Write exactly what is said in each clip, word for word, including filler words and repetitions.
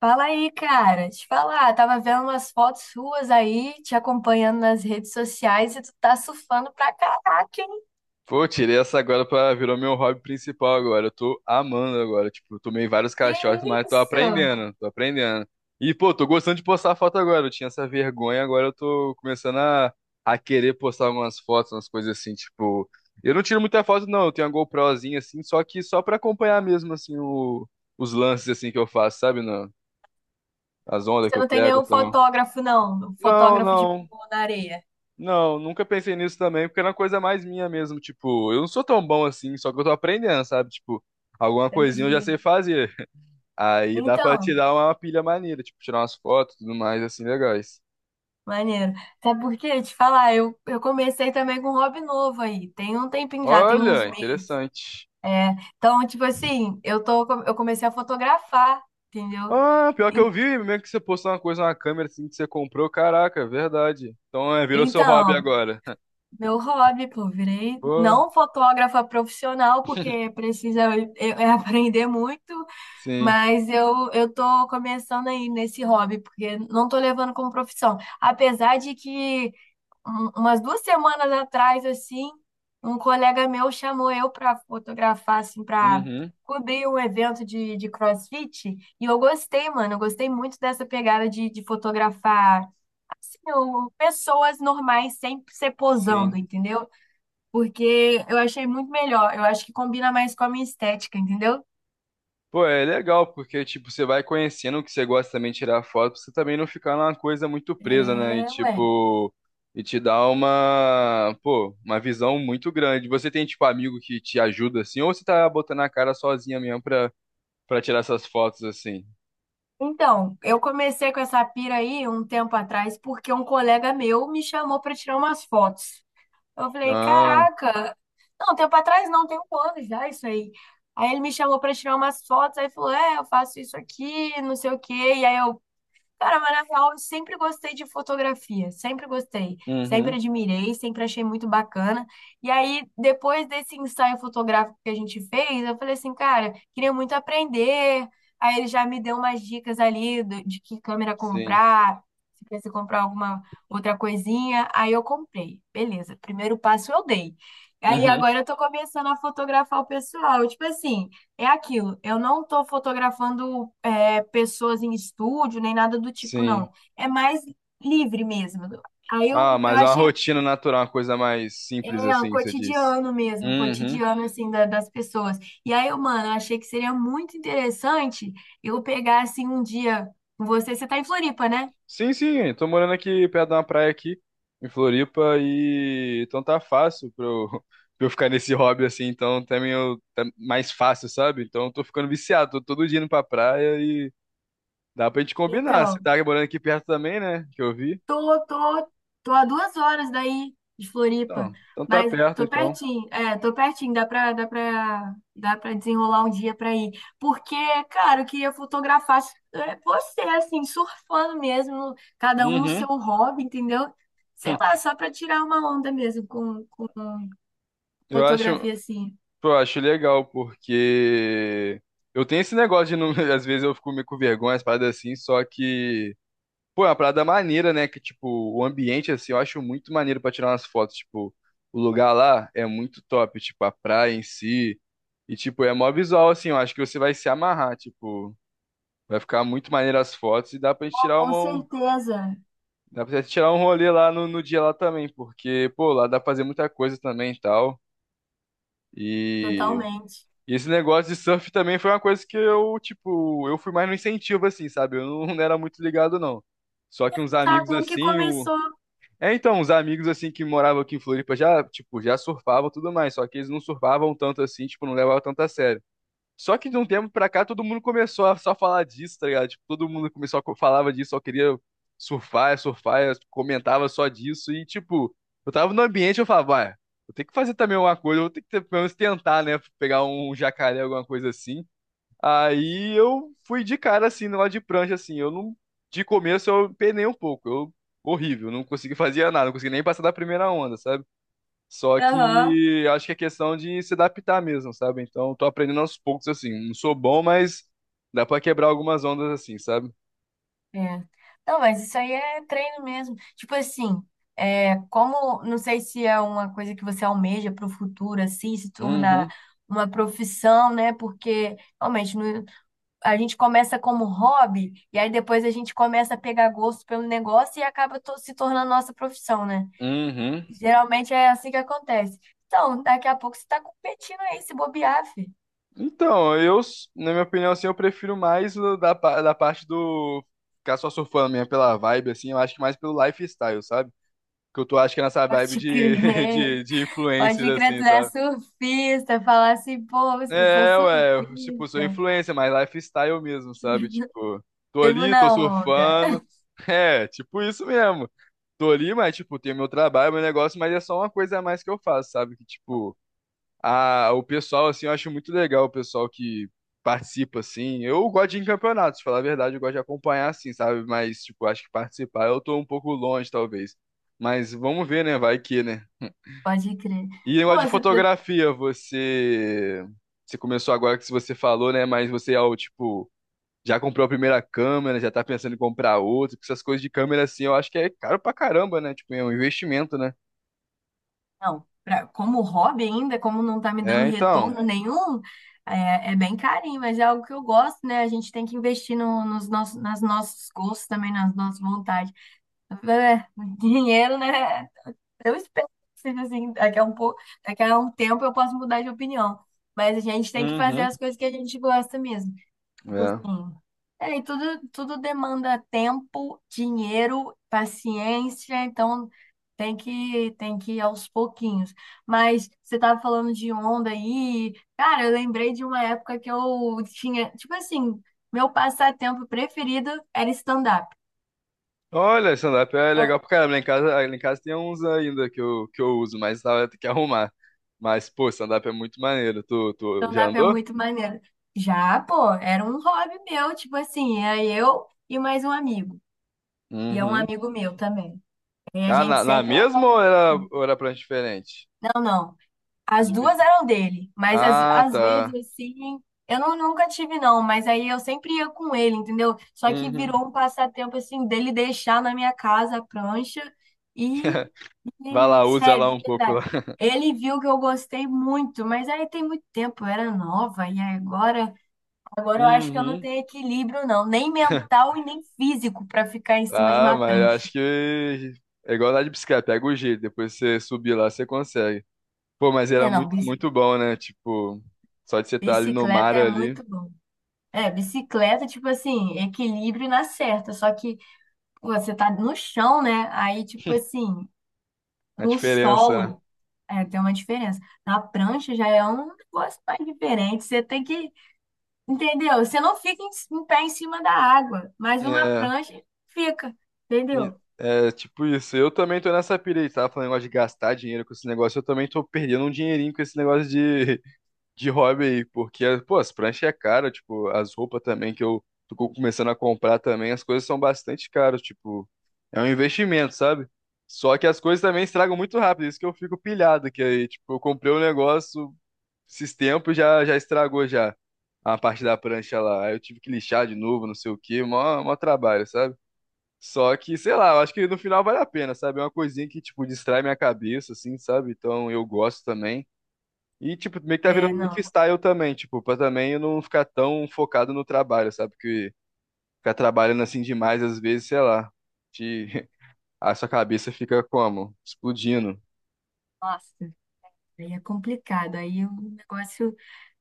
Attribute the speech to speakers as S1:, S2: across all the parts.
S1: Fala aí, cara. Te falar, tava vendo umas fotos suas aí, te acompanhando nas redes sociais e tu tá surfando pra caraca, hein?
S2: Pô, eu tirei essa agora pra virou meu hobby principal agora. Eu tô amando agora. Tipo, eu tomei vários
S1: Que
S2: caixotes, mas tô
S1: isso?
S2: aprendendo, tô aprendendo. E, pô, tô gostando de postar foto agora. Eu tinha essa vergonha, agora eu tô começando a, a querer postar umas fotos, umas coisas assim, tipo. Eu não tiro muita foto, não. Eu tenho uma GoProzinha assim, só que só pra acompanhar mesmo, assim, o, os lances assim que eu faço, sabe? Não? As ondas
S1: Você
S2: que eu
S1: não tem
S2: pego e
S1: nenhum
S2: tal.
S1: fotógrafo, não? Um
S2: Não,
S1: fotógrafo de
S2: não.
S1: pulo na areia.
S2: Não, nunca pensei nisso também, porque era uma coisa mais minha mesmo. Tipo, eu não sou tão bom assim, só que eu tô aprendendo, sabe? Tipo, alguma coisinha eu já
S1: Entendi.
S2: sei fazer. Aí dá pra
S1: Então,
S2: tirar uma pilha maneira, tipo, tirar umas fotos e tudo mais, assim, legais.
S1: maneiro. Até porque, te falar, eu, eu comecei também com um hobby novo aí. Tem um tempinho já, tem uns
S2: Olha,
S1: meses.
S2: interessante.
S1: Então, tipo assim, eu tô, eu comecei a fotografar, entendeu?
S2: Ah, pior que eu
S1: En-
S2: vi mesmo que você postou uma coisa na câmera assim que você comprou. Caraca, é verdade. Então é, virou seu hobby
S1: Então.
S2: agora.
S1: Meu hobby, pô, virei
S2: Pô,
S1: não fotógrafa profissional, porque precisa eu- eu aprender muito,
S2: sim.
S1: mas eu, eu tô começando aí nesse hobby, porque não tô levando como profissão. Apesar de que um- umas duas semanas atrás, assim, um colega meu chamou eu para fotografar, assim, para
S2: Uhum,
S1: cobrir um evento de, de CrossFit, e eu gostei, mano, eu gostei muito dessa pegada de, de fotografar, assim, o- pessoas normais sem ser posando,
S2: sim.
S1: entendeu? Porque eu achei muito melhor. Eu acho que combina mais com a minha estética, entendeu?
S2: Pô, é legal, porque, tipo, você vai conhecendo o que você gosta também de tirar foto, pra você também não ficar numa coisa muito presa, né? E,
S1: É, ué.
S2: tipo, e te dá uma, pô, uma visão muito grande. Você tem, tipo, amigo que te ajuda, assim, ou você tá botando a cara sozinha mesmo pra, pra tirar essas fotos, assim?
S1: Então, eu comecei com essa pira aí um tempo atrás porque um colega meu me chamou para tirar umas fotos. Eu falei,
S2: Ah,
S1: caraca, não, um tempo atrás não, tem um ano já isso aí. Aí ele me chamou para tirar umas fotos, aí falou, é, eu faço isso aqui, não sei o quê. E aí eu... Cara, mas na real, eu sempre gostei de fotografia, sempre gostei,
S2: uhum,
S1: sempre admirei, sempre achei muito bacana. E aí, depois desse ensaio fotográfico que a gente fez, eu falei assim, cara, queria muito aprender. Aí ele já me deu umas dicas ali do- de que câmera
S2: sim,
S1: comprar, se precisa comprar alguma outra coisinha. Aí eu comprei, beleza, primeiro passo eu dei. Aí
S2: uhum,
S1: agora eu tô começando a fotografar o pessoal, tipo assim. É aquilo, eu não estou fotografando é, pessoas em estúdio, nem nada do tipo,
S2: sim.
S1: não. É mais livre mesmo. Aí
S2: Ah,
S1: eu, eu
S2: mas é uma
S1: achei,
S2: rotina natural, uma coisa mais simples,
S1: é, o
S2: assim, que você disse.
S1: cotidiano mesmo, o
S2: Uhum.
S1: cotidiano, assim, da- das pessoas. E aí, eu, mano, eu achei que seria muito interessante eu pegar, assim, um dia com você. Você tá em Floripa, né?
S2: Sim, sim, tô morando aqui perto de uma praia aqui, em Floripa, e então tá fácil pra eu, pra eu ficar nesse hobby assim, então também eu, tá mais fácil, sabe? Então eu tô ficando viciado, tô todo dia indo pra praia e dá pra gente combinar. Você
S1: Então,
S2: tá morando aqui perto também, né? Que eu vi.
S1: Tô, tô, tô a duas horas daí de Floripa,
S2: Então, então tá
S1: mas
S2: perto,
S1: tô
S2: então.
S1: pertinho, é, tô pertinho, dá pra, dá pra, dá pra desenrolar um dia pra ir. Porque, cara, eu queria fotografar é, você, assim, surfando mesmo, cada um no seu
S2: Uhum.
S1: hobby, entendeu? Sei lá, só pra tirar uma onda mesmo com, com
S2: Eu acho,
S1: fotografia, assim.
S2: pô, eu acho legal, porque eu tenho esse negócio de, não, às vezes eu fico meio com vergonha, as paradas assim, só que. Pô, é uma parada maneira, né? Que, tipo, o ambiente, assim, eu acho muito maneiro pra tirar umas fotos. Tipo, o lugar lá é muito top. Tipo, a praia em si. E, tipo, é mó visual, assim. Eu acho que você vai se amarrar. Tipo, vai ficar muito maneiro as fotos. E dá pra gente tirar
S1: Com
S2: uma...
S1: certeza,
S2: Dá pra gente tirar um rolê lá no, no dia lá também. Porque, pô, lá dá pra fazer muita coisa também e tal. E...
S1: totalmente.
S2: e esse negócio de surf também foi uma coisa que eu, tipo... Eu fui mais no incentivo, assim, sabe? Eu não, não era muito ligado, não. Só que uns
S1: Tá,
S2: amigos,
S1: como que
S2: assim... o
S1: começou?
S2: É, então, os amigos, assim, que moravam aqui em Floripa já, tipo, já surfavam e tudo mais, só que eles não surfavam tanto assim, tipo, não levavam tanto a sério. Só que de um tempo pra cá, todo mundo começou a só falar disso, tá ligado? Tipo, todo mundo começou a co- falava disso, só queria surfar, surfar, eu comentava só disso, e tipo, eu tava no ambiente, eu falava, vai, vou ter que fazer também alguma coisa, eu vou ter que ter- pelo menos tentar, né, pegar um jacaré, alguma coisa assim, aí eu fui de cara assim, no lado de prancha, assim. Eu não. De começo eu penei um pouco. Eu. Horrível, não consegui fazer nada, não consegui nem passar da primeira onda, sabe? Só
S1: Aham.
S2: que acho que é questão de se adaptar mesmo, sabe? Então tô aprendendo aos poucos, assim. Não sou bom, mas dá pra quebrar algumas ondas assim, sabe?
S1: É. Não, mas isso aí é treino mesmo. Tipo assim, é, como, não sei se é uma coisa que você almeja para o futuro, assim, se tornar
S2: Uhum,
S1: uma profissão, né? Porque realmente no- a gente começa como hobby e aí depois a gente começa a pegar gosto pelo negócio e acaba to- se tornando nossa profissão, né?
S2: uhum.
S1: Geralmente é assim que acontece. Então, daqui a pouco você está competindo aí, se bobear, filho.
S2: Então, eu, s- na minha opinião, assim, eu prefiro mais o da, pa- da parte do ficar só surfando mesmo pela vibe, assim, eu acho que mais pelo lifestyle, sabe? Que eu tô, acho que é nessa vibe
S1: Pode
S2: de,
S1: crer.
S2: de, de influencer,
S1: Pode crer, tu
S2: assim,
S1: é
S2: sabe?
S1: surfista, falar assim, pô, eu sou
S2: É, ué, eu, tipo, sou
S1: surfista,
S2: influencer, mas lifestyle mesmo, sabe? Tipo, tô
S1: vivo
S2: ali,
S1: na
S2: tô
S1: onda.
S2: surfando. É, tipo isso mesmo. Tô ali, mas, tipo, tem meu trabalho, meu negócio, mas é só uma coisa a mais que eu faço, sabe? Que, tipo, a, o pessoal, assim, eu acho muito legal o pessoal que participa, assim. Eu gosto de ir em campeonatos, falar a verdade, eu gosto de acompanhar, assim, sabe? Mas, tipo, acho que participar eu tô um pouco longe, talvez. Mas vamos ver, né? Vai que, né?
S1: Pode crer.
S2: E
S1: Pô,
S2: negócio de
S1: você... tá-
S2: fotografia, você. Você começou agora que você falou, né? Mas você é o tipo. Já comprou a primeira câmera, já tá pensando em comprar outra, porque essas coisas de câmera assim, eu acho que é caro pra caramba, né? Tipo, é um investimento, né?
S1: Não, pra- como hobby ainda, como não tá me dando
S2: É, então.
S1: retorno nenhum, é, é bem carinho, mas é algo que eu gosto, né? A gente tem que investir no, nos nossos, nas nossos gostos também, nas nossas vontades. É, dinheiro, né? Eu espero que seja assim, daqui a um pouco, daqui a um tempo eu posso mudar de opinião. Mas a gente tem que fazer
S2: Uhum.
S1: as coisas que a gente gosta mesmo. Tipo
S2: É.
S1: assim, é, e tudo, tudo demanda tempo, dinheiro, paciência, então tem que, tem que ir aos pouquinhos. Mas você estava falando de onda aí, cara, eu lembrei de uma época que eu tinha, tipo assim, meu passatempo preferido era stand-up.
S2: Olha, stand-up é
S1: Ah,
S2: legal pra caramba. Lá em casa, lá em casa tem uns ainda que eu, que eu uso, mas tava tem que arrumar. Mas, pô, stand-up é muito maneiro. Tu, tu já
S1: stand-up é
S2: andou?
S1: muito maneiro. Já, pô, era um hobby meu, tipo assim, era eu e mais um amigo. E é um
S2: Uhum.
S1: amigo meu também. E a
S2: Ah,
S1: gente
S2: na, na
S1: sempre
S2: mesma ou
S1: andava.
S2: era, ou era prancha diferente?
S1: Não, não. As duas
S2: Dividir.
S1: eram dele, mas às,
S2: Ah,
S1: às vezes
S2: tá.
S1: assim, eu não, nunca tive não, mas aí eu sempre ia com ele, entendeu? Só que
S2: Uhum.
S1: virou um passatempo assim dele deixar na minha casa a prancha e,
S2: Vai
S1: e,
S2: lá, usa
S1: sério,
S2: lá
S1: de
S2: um pouco lá.
S1: verdade. Ele viu que eu gostei muito, mas aí tem muito tempo, eu era nova e aí agora, agora eu acho que eu não
S2: Uhum.
S1: tenho equilíbrio não, nem mental e nem físico para ficar em cima de
S2: Ah,
S1: uma
S2: mas eu
S1: prancha.
S2: acho que é igual andar de bicicleta, pega o jeito, depois você subir lá, você consegue. Pô, mas
S1: É,
S2: era
S1: não,
S2: muito,
S1: bici-
S2: muito bom, né? Tipo, só de você estar ali no mar
S1: bicicleta é
S2: ali,
S1: muito bom. É, bicicleta, tipo assim, equilíbrio na certa, só que pô, você tá no chão, né? Aí, tipo assim,
S2: a
S1: no
S2: diferença,
S1: solo, é, tem uma diferença. Na prancha já é um negócio mais diferente, você tem que, entendeu? Você não fica em, em pé em cima da água, mas uma
S2: né?
S1: prancha fica, entendeu?
S2: É, é tipo isso. Eu também tô nessa pira aí, tava falando negócio de gastar dinheiro com esse negócio, eu também tô perdendo um dinheirinho com esse negócio de de hobby aí, porque, pô, as pranchas é cara, tipo, as roupas também que eu tô co- começando a comprar também, as coisas são bastante caras, tipo, é um investimento, sabe? Só que as coisas também estragam muito rápido, isso que eu fico pilhado, que aí, tipo, eu comprei um negócio esses tempos já já estragou já a parte da prancha lá. Aí eu tive que lixar de novo, não sei o quê, mó, mó trabalho, sabe? Só que, sei lá, eu acho que no final vale a pena, sabe? É uma coisinha que, tipo, distrai minha cabeça, assim, sabe? Então eu gosto também. E, tipo, meio que tá
S1: É,
S2: virando
S1: não,
S2: lifestyle também, tipo, pra também eu não ficar tão focado no trabalho, sabe? Porque ficar trabalhando assim demais, às vezes, sei lá, te... a sua cabeça fica como? Explodindo.
S1: nossa. Aí é complicado, aí o negócio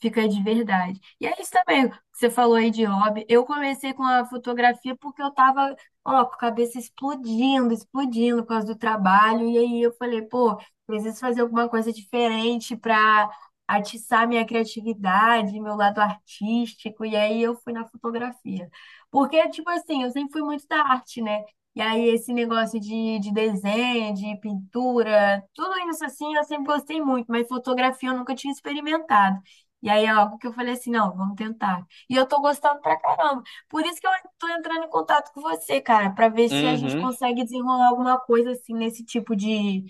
S1: fica de verdade. E é isso também, que você falou aí de hobby. Eu comecei com a fotografia porque eu tava, ó, com a cabeça explodindo, explodindo por causa do trabalho. E aí eu falei, pô, preciso fazer alguma coisa diferente para atiçar minha criatividade, meu lado artístico. E aí eu fui na fotografia. Porque, tipo assim, eu sempre fui muito da arte, né? E aí, esse negócio de, de desenho, de pintura, tudo isso assim, eu sempre gostei muito, mas fotografia eu nunca tinha experimentado. E aí é algo que eu falei assim, não, vamos tentar. E eu tô gostando pra caramba. Por isso que eu tô entrando em contato com você, cara, pra ver se a gente
S2: Uhum.
S1: consegue desenrolar alguma coisa assim nesse tipo de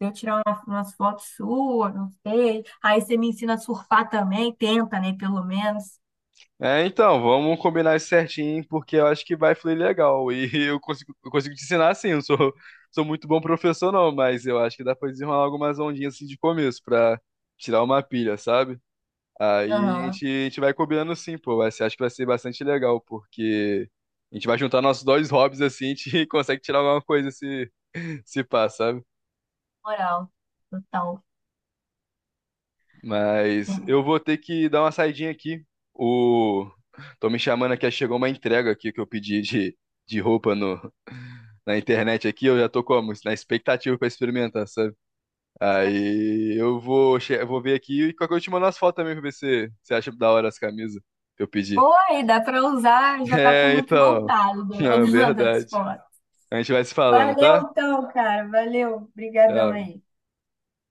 S1: de eu tirar uma- umas fotos suas, não sei. Aí você me ensina a surfar também, tenta, né, pelo menos.
S2: É, então, vamos combinar isso certinho, porque eu acho que vai fluir legal. E eu consigo, eu consigo te ensinar assim, eu não sou, sou muito bom professor, não, mas eu acho que dá pra desenrolar algumas ondinhas assim de começo, pra tirar uma pilha, sabe? Aí a
S1: Aham,
S2: gente, a gente vai combinando sim, pô. Vai ser- acho que vai ser bastante legal, porque a gente vai juntar nossos dois hobbies assim, a gente consegue tirar alguma coisa se, se pá, sabe?
S1: moral, total.
S2: Mas eu vou ter que dar uma saidinha aqui. O... Tô me chamando aqui, chegou uma entrega aqui que eu pedi de, de roupa no, na internet aqui. Eu já tô como? Na expectativa pra experimentar, sabe? Aí eu vou, che- eu vou ver aqui e qualquer coisa eu te mando as fotos também pra ver se você acha da hora as camisas que eu pedi.
S1: Oi, dá pra usar, já tá com o
S2: É,
S1: look
S2: então.
S1: montado do-
S2: É
S1: das
S2: verdade.
S1: fotos.
S2: A gente vai se falando, tá?
S1: Valeu então, cara, valeu, brigadão
S2: Tchau.
S1: aí.